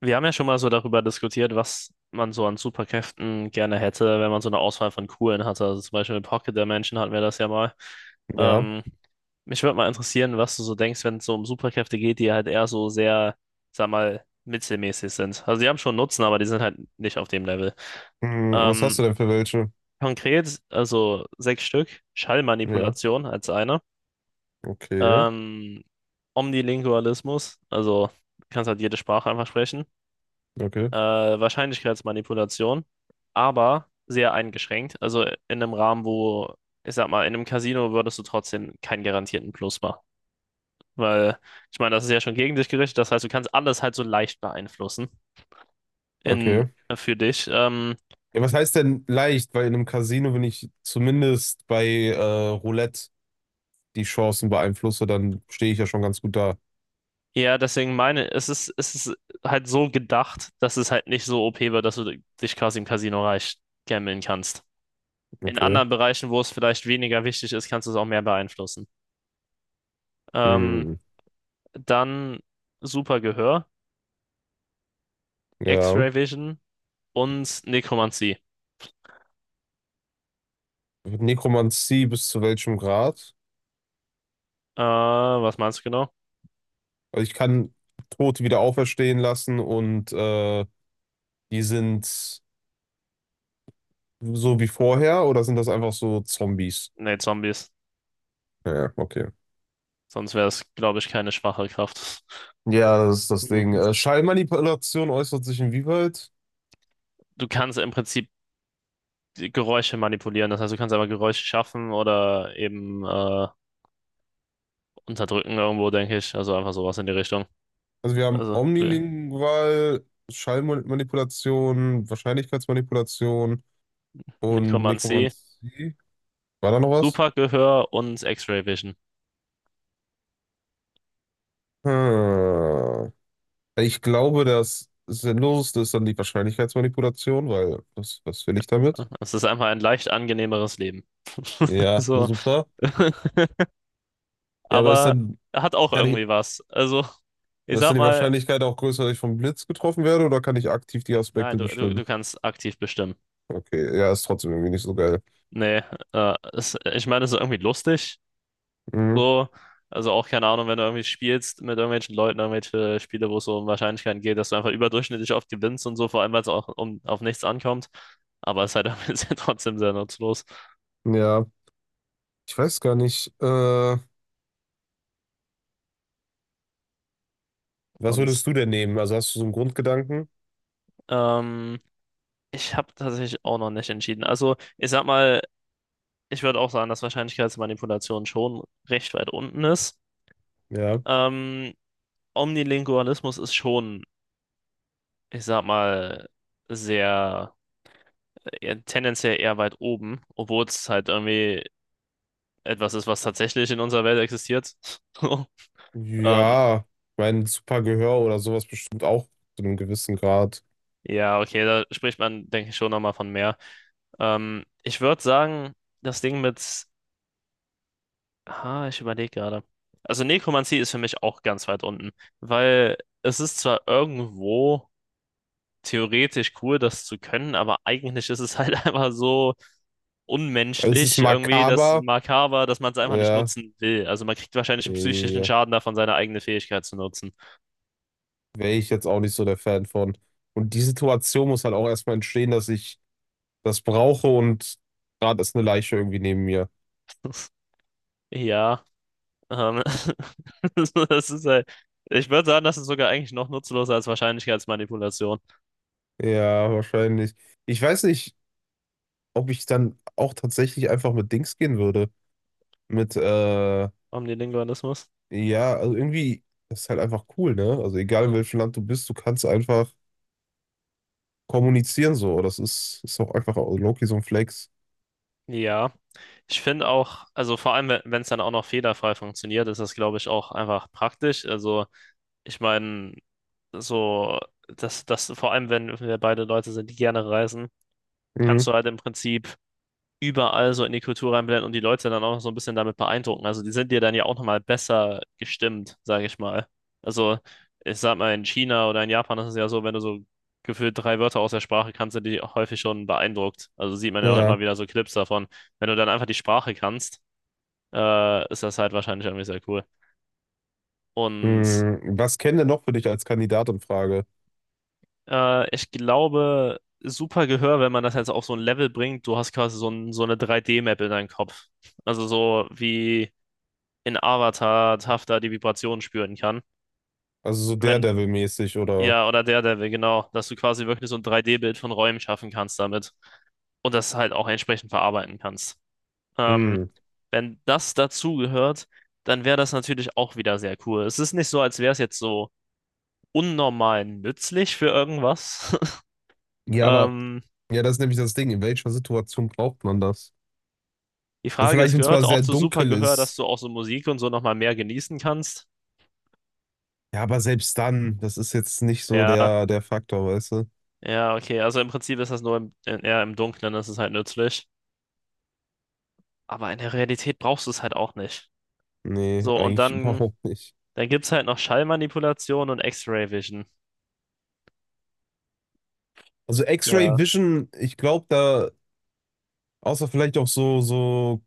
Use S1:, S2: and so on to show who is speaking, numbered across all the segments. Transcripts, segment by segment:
S1: Wir haben ja schon mal so darüber diskutiert, was man so an Superkräften gerne hätte, wenn man so eine Auswahl von coolen hatte. Also zum Beispiel mit Pocket Dimension hatten wir das ja mal.
S2: Ja.
S1: Ähm, mich würde mal interessieren, was du so denkst, wenn es so um Superkräfte geht, die halt eher so sehr, sag mal, mittelmäßig sind. Also die haben schon Nutzen, aber die sind halt nicht auf dem Level.
S2: Hm, was
S1: Ähm,
S2: hast du denn für welche?
S1: konkret, also sechs Stück,
S2: Ja,
S1: Schallmanipulation als eine.
S2: okay,
S1: Ähm, Omnilingualismus, also du kannst halt jede Sprache einfach sprechen.
S2: okay,
S1: Wahrscheinlichkeitsmanipulation, aber sehr eingeschränkt. Also in einem Rahmen, wo, ich sag mal, in einem Casino würdest du trotzdem keinen garantierten Plus machen. Weil, ich meine, das ist ja schon gegen dich gerichtet. Das heißt, du kannst alles halt so leicht beeinflussen in,
S2: okay.
S1: für dich.
S2: Ja, was heißt denn leicht? Weil in einem Casino, wenn ich zumindest bei Roulette die Chancen beeinflusse, dann stehe ich ja schon ganz gut da.
S1: Ja, deswegen meine, es ist halt so gedacht, dass es halt nicht so OP wird, dass du dich quasi im Casino reich gambeln kannst. In
S2: Okay.
S1: anderen Bereichen, wo es vielleicht weniger wichtig ist, kannst du es auch mehr beeinflussen. Ähm,
S2: Hm,
S1: dann super Gehör.
S2: ja.
S1: X-Ray Vision und Nekromantie.
S2: Nekromantie bis zu welchem Grad?
S1: Was meinst du genau?
S2: Also ich kann Tote wieder auferstehen lassen und die sind so wie vorher oder sind das einfach so Zombies?
S1: Nee, Zombies.
S2: Ja, okay.
S1: Sonst wäre es, glaube ich, keine schwache Kraft.
S2: Ja, das ist das Ding.
S1: Mhm.
S2: Schallmanipulation äußert sich inwieweit?
S1: Du kannst im Prinzip die Geräusche manipulieren. Das heißt, du kannst aber Geräusche schaffen oder eben unterdrücken irgendwo, denke ich. Also einfach sowas in die Richtung.
S2: Also wir haben
S1: Also du-
S2: omnilingual, Schallmanipulation, Wahrscheinlichkeitsmanipulation und
S1: Nekromantie,
S2: Nekromantie. War da noch was?
S1: Supergehör und X-Ray Vision.
S2: Hm. Ich glaube, das Sinnloseste ist dann die Wahrscheinlichkeitsmanipulation, weil was will ich damit?
S1: Es ist einfach ein leicht angenehmeres Leben.
S2: Ja,
S1: So.
S2: super. Ja,
S1: Aber hat auch
S2: kann ich,
S1: irgendwie was. Also, ich
S2: ist
S1: sag
S2: dann die
S1: mal.
S2: Wahrscheinlichkeit auch größer, dass ich vom Blitz getroffen werde oder kann ich aktiv die
S1: Nein,
S2: Aspekte
S1: du
S2: bestimmen?
S1: kannst aktiv bestimmen.
S2: Okay, ja, ist trotzdem irgendwie nicht so geil.
S1: Nee, es, ich meine, es ist irgendwie lustig.
S2: Mhm.
S1: So, also auch keine Ahnung, wenn du irgendwie spielst mit irgendwelchen Leuten, irgendwelche Spiele, wo es so um Wahrscheinlichkeiten geht, dass du einfach überdurchschnittlich oft gewinnst und so, vor allem, weil es auch um, auf nichts ankommt. Aber es ist halt irgendwie sehr- trotzdem sehr nutzlos.
S2: Ja. Ich weiß gar nicht, was würdest
S1: Sonst,
S2: du denn nehmen? Also hast du so einen Grundgedanken?
S1: ähm, ich habe tatsächlich auch noch nicht entschieden. Also, ich sag mal, ich würde auch sagen, dass Wahrscheinlichkeitsmanipulation schon recht weit unten ist.
S2: Ja.
S1: Ähm, Omnilingualismus ist schon, ich sag mal, sehr, eher, tendenziell eher weit oben, obwohl es halt irgendwie etwas ist, was tatsächlich in unserer Welt existiert. Ähm,
S2: Ja, mein super Gehör oder sowas bestimmt auch zu einem gewissen Grad.
S1: ja, okay, da spricht man, denke ich, schon nochmal von mehr. Ich würde sagen, das Ding mit, ah, ich überlege gerade. Also Nekromantie ist für mich auch ganz weit unten, weil es ist zwar irgendwo theoretisch cool, das zu können, aber eigentlich ist es halt einfach so
S2: Es ist
S1: unmenschlich irgendwie, das
S2: makaber.
S1: Makaber, dass man es einfach nicht
S2: Ja,
S1: nutzen will. Also man kriegt wahrscheinlich einen psychischen
S2: äh,
S1: Schaden davon, seine eigene Fähigkeit zu nutzen.
S2: wäre ich jetzt auch nicht so der Fan von. Und die Situation muss halt auch erstmal entstehen, dass ich das brauche und gerade ist eine Leiche irgendwie neben mir.
S1: Ja, ähm, das ist halt, ich würde sagen, das ist sogar eigentlich noch nutzloser als Wahrscheinlichkeitsmanipulation.
S2: Ja, wahrscheinlich. Ich weiß nicht, ob ich dann auch tatsächlich einfach mit Dings gehen würde. Mit, äh,
S1: Omnilingualismus.
S2: Ja, also irgendwie das ist halt einfach cool, ne? Also egal in
S1: So.
S2: welchem Land du bist, du kannst einfach kommunizieren so. Ist auch einfach auch Loki so ein Flex.
S1: Ja, ich finde auch, also vor allem, wenn es dann auch noch fehlerfrei funktioniert, ist das, glaube ich, auch einfach praktisch. Also ich meine, so, dass das vor allem, wenn wir beide Leute sind, die gerne reisen, kannst
S2: Mhm.
S1: du halt im Prinzip überall so in die Kultur reinblenden und die Leute dann auch noch so ein bisschen damit beeindrucken. Also die sind dir dann ja auch nochmal besser gestimmt, sage ich mal. Also ich sag mal, in China oder in Japan ist es ja so, wenn du so gefühlt drei Wörter aus der Sprache kannst, sind die auch häufig schon beeindruckt. Also sieht man ja auch
S2: Ja.
S1: immer wieder so Clips davon. Wenn du dann einfach die Sprache kannst, ist das halt wahrscheinlich irgendwie sehr cool. Und
S2: Mhm. Was kennen denn noch für dich als Kandidat in Frage?
S1: ich glaube, super Gehör, wenn man das jetzt auf so ein Level bringt, du hast quasi so, ein, so eine 3D-Map in deinem Kopf. Also so wie in Avatar hafter die Vibrationen spüren kann.
S2: Also so
S1: Wenn,
S2: Daredevil-mäßig oder.
S1: ja, oder Daredevil, genau, dass du quasi wirklich so ein 3D-Bild von Räumen schaffen kannst damit und das halt auch entsprechend verarbeiten kannst. Ähm,
S2: Mhm.
S1: wenn das dazu gehört, dann wäre das natürlich auch wieder sehr cool. Es ist nicht so, als wäre es jetzt so unnormal nützlich für irgendwas.
S2: Ja, aber
S1: Ähm,
S2: ja, das ist nämlich das Ding. In welcher Situation braucht man das?
S1: die
S2: Also
S1: Frage
S2: vielleicht,
S1: ist,
S2: wenn es
S1: gehört
S2: mal
S1: auch
S2: sehr
S1: zu
S2: dunkel
S1: Supergehör, dass
S2: ist.
S1: du auch so Musik und so nochmal mehr genießen kannst?
S2: Ja, aber selbst dann, das ist jetzt nicht so
S1: Ja,
S2: der Faktor, weißt du?
S1: ja, okay. Also im Prinzip ist das nur im, eher im Dunkeln, das ist halt nützlich. Aber in der Realität brauchst du es halt auch nicht.
S2: Nee,
S1: So, und
S2: eigentlich
S1: dann,
S2: überhaupt nicht.
S1: dann gibt es halt noch Schallmanipulation und X-Ray Vision.
S2: Also X-Ray
S1: Ja.
S2: Vision, ich glaube, da. Außer vielleicht auch so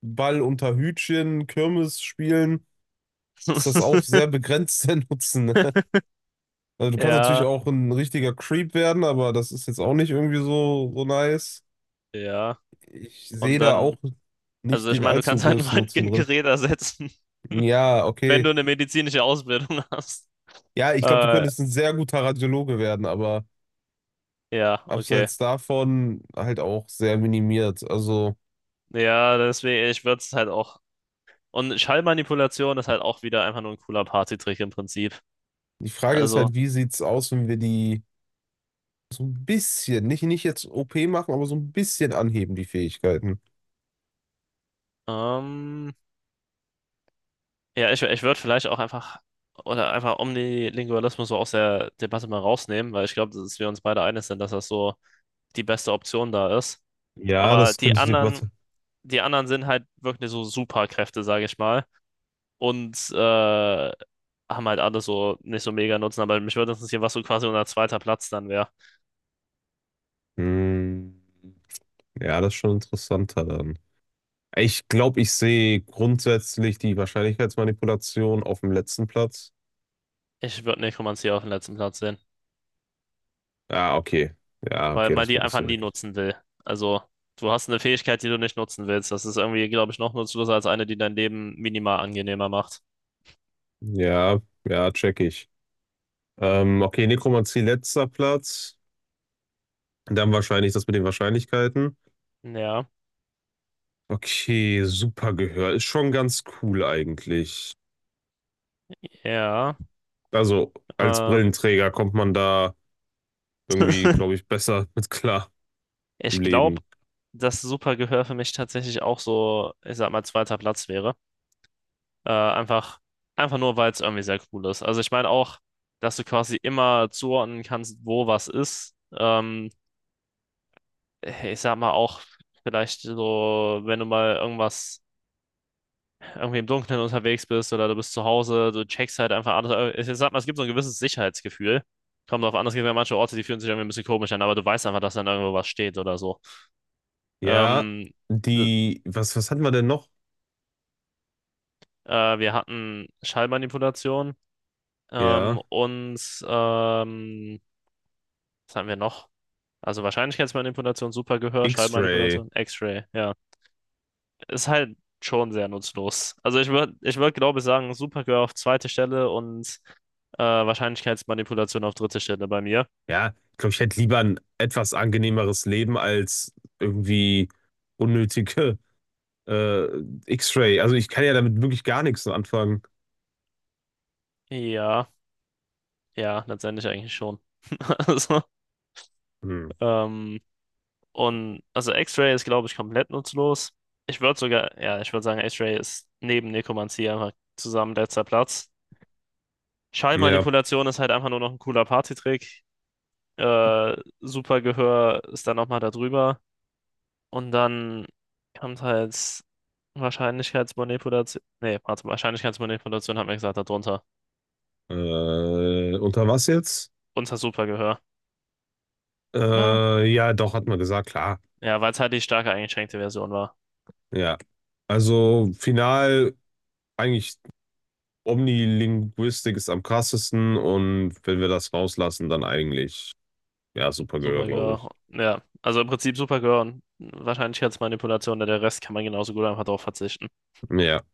S2: Ball unter Hütchen, Kirmes spielen, ist das auch sehr begrenzt der Nutzen. Ne? Also du kannst natürlich
S1: Ja,
S2: auch ein richtiger Creep werden, aber das ist jetzt auch nicht irgendwie so nice.
S1: ja.
S2: Ich
S1: Und
S2: sehe da
S1: dann,
S2: auch
S1: also
S2: nicht
S1: ich
S2: den
S1: meine, du
S2: allzu
S1: kannst halt ein
S2: größten Nutzen drin.
S1: Röntgengerät ersetzen,
S2: Ja,
S1: wenn du
S2: okay.
S1: eine medizinische Ausbildung hast.
S2: Ja, ich glaube, du
S1: Äh,
S2: könntest ein sehr guter Radiologe werden, aber
S1: ja, okay.
S2: abseits davon halt auch sehr minimiert. Also
S1: Ja, deswegen, ich würde es halt auch. Und Schallmanipulation ist halt auch wieder einfach nur ein cooler Partytrick im Prinzip.
S2: die Frage ist
S1: Also,
S2: halt, wie sieht's aus, wenn wir die. So ein bisschen, nicht jetzt OP machen, aber so ein bisschen anheben die Fähigkeiten.
S1: ähm. Ja, ich würde vielleicht auch einfach, oder einfach Omnilingualismus so aus der Debatte mal rausnehmen, weil ich glaube, dass wir uns beide einig sind, dass das so die beste Option da ist.
S2: Ja,
S1: Aber
S2: das könnte ich dir. Warte.
S1: die anderen sind halt wirklich so Superkräfte, sage ich mal. Und haben halt alle so nicht so mega Nutzen. Aber mich würde interessieren, was so quasi unser zweiter Platz dann wäre.
S2: Hm, ja, das ist schon interessanter dann. Ich glaube, ich sehe grundsätzlich die Wahrscheinlichkeitsmanipulation auf dem letzten Platz.
S1: Ich würde Nekromantie auf den letzten Platz sehen,
S2: Ah, okay. Ja,
S1: weil
S2: okay,
S1: man
S2: das
S1: die
S2: musst
S1: einfach
S2: du
S1: nie
S2: wirklich.
S1: nutzen will. Also, du hast eine Fähigkeit, die du nicht nutzen willst. Das ist irgendwie, glaube ich, noch nutzloser als eine, die dein Leben minimal angenehmer macht.
S2: Ja, ja, check ich. Okay, Nekromantie letzter Platz. Dann wahrscheinlich das mit den Wahrscheinlichkeiten.
S1: Ja,
S2: Okay, super Gehör ist schon ganz cool eigentlich.
S1: ja.
S2: Also als
S1: Äh,
S2: Brillenträger kommt man da irgendwie, glaube ich, besser mit klar im
S1: ich glaube,
S2: Leben.
S1: dass super Gehör für mich tatsächlich auch so, ich sag mal, zweiter Platz wäre. Äh, einfach, einfach nur, weil es irgendwie sehr cool ist. Also ich meine auch, dass du quasi immer zuordnen kannst, wo was ist. Ich sag mal auch, vielleicht so, wenn du mal irgendwas irgendwie im Dunkeln unterwegs bist oder du bist zu Hause, du checkst halt einfach alles. Ich sag mal, es gibt so ein gewisses Sicherheitsgefühl. Kommt drauf an, es gibt ja manche Orte, die fühlen sich irgendwie ein bisschen komisch an, aber du weißt einfach, dass dann irgendwo was steht oder so.
S2: Ja,
S1: Ähm, d-
S2: die, was hatten wir denn noch?
S1: wir hatten Schallmanipulation
S2: Ja,
S1: und ähm, was hatten wir noch? Also Wahrscheinlichkeitsmanipulation, Supergehör,
S2: X-Ray.
S1: Schallmanipulation, X-Ray, ja. Ist halt schon sehr nutzlos. Also ich würde, glaube ich, sagen, Supergehör auf zweite Stelle und Wahrscheinlichkeitsmanipulation auf dritte Stelle bei mir.
S2: Ja, ich glaube, ich hätte lieber ein etwas angenehmeres Leben als irgendwie unnötige äh, X-Ray. Also ich kann ja damit wirklich gar nichts anfangen.
S1: Ja, ja, letztendlich eigentlich schon. Also,
S2: Hm.
S1: ähm, und also X-Ray ist, glaube ich, komplett nutzlos. Ich würde sogar, ja, ich würde sagen, X-Ray ist neben Nekromantie einfach zusammen letzter Platz.
S2: Ja,
S1: Schallmanipulation ist halt einfach nur noch ein cooler Partytrick. Supergehör ist dann nochmal da drüber. Und dann kommt halt Wahrscheinlichkeitsmanipulation. Nee, warte, Wahrscheinlichkeitsmanipulation hat man gesagt, da drunter.
S2: unter was jetzt?
S1: Unter Supergehör, oder?
S2: Ja, doch, hat man gesagt, klar.
S1: Ja, weil es halt die starke eingeschränkte Version war.
S2: Ja, also final eigentlich Omnilinguistik ist am krassesten und wenn wir das rauslassen, dann eigentlich, ja, super Gehör, glaube
S1: Supergirl.
S2: ich.
S1: Ja, also im Prinzip Supergirl und Wahrscheinlichkeitsmanipulation, denn der Rest kann man genauso gut einfach darauf verzichten.
S2: Ja.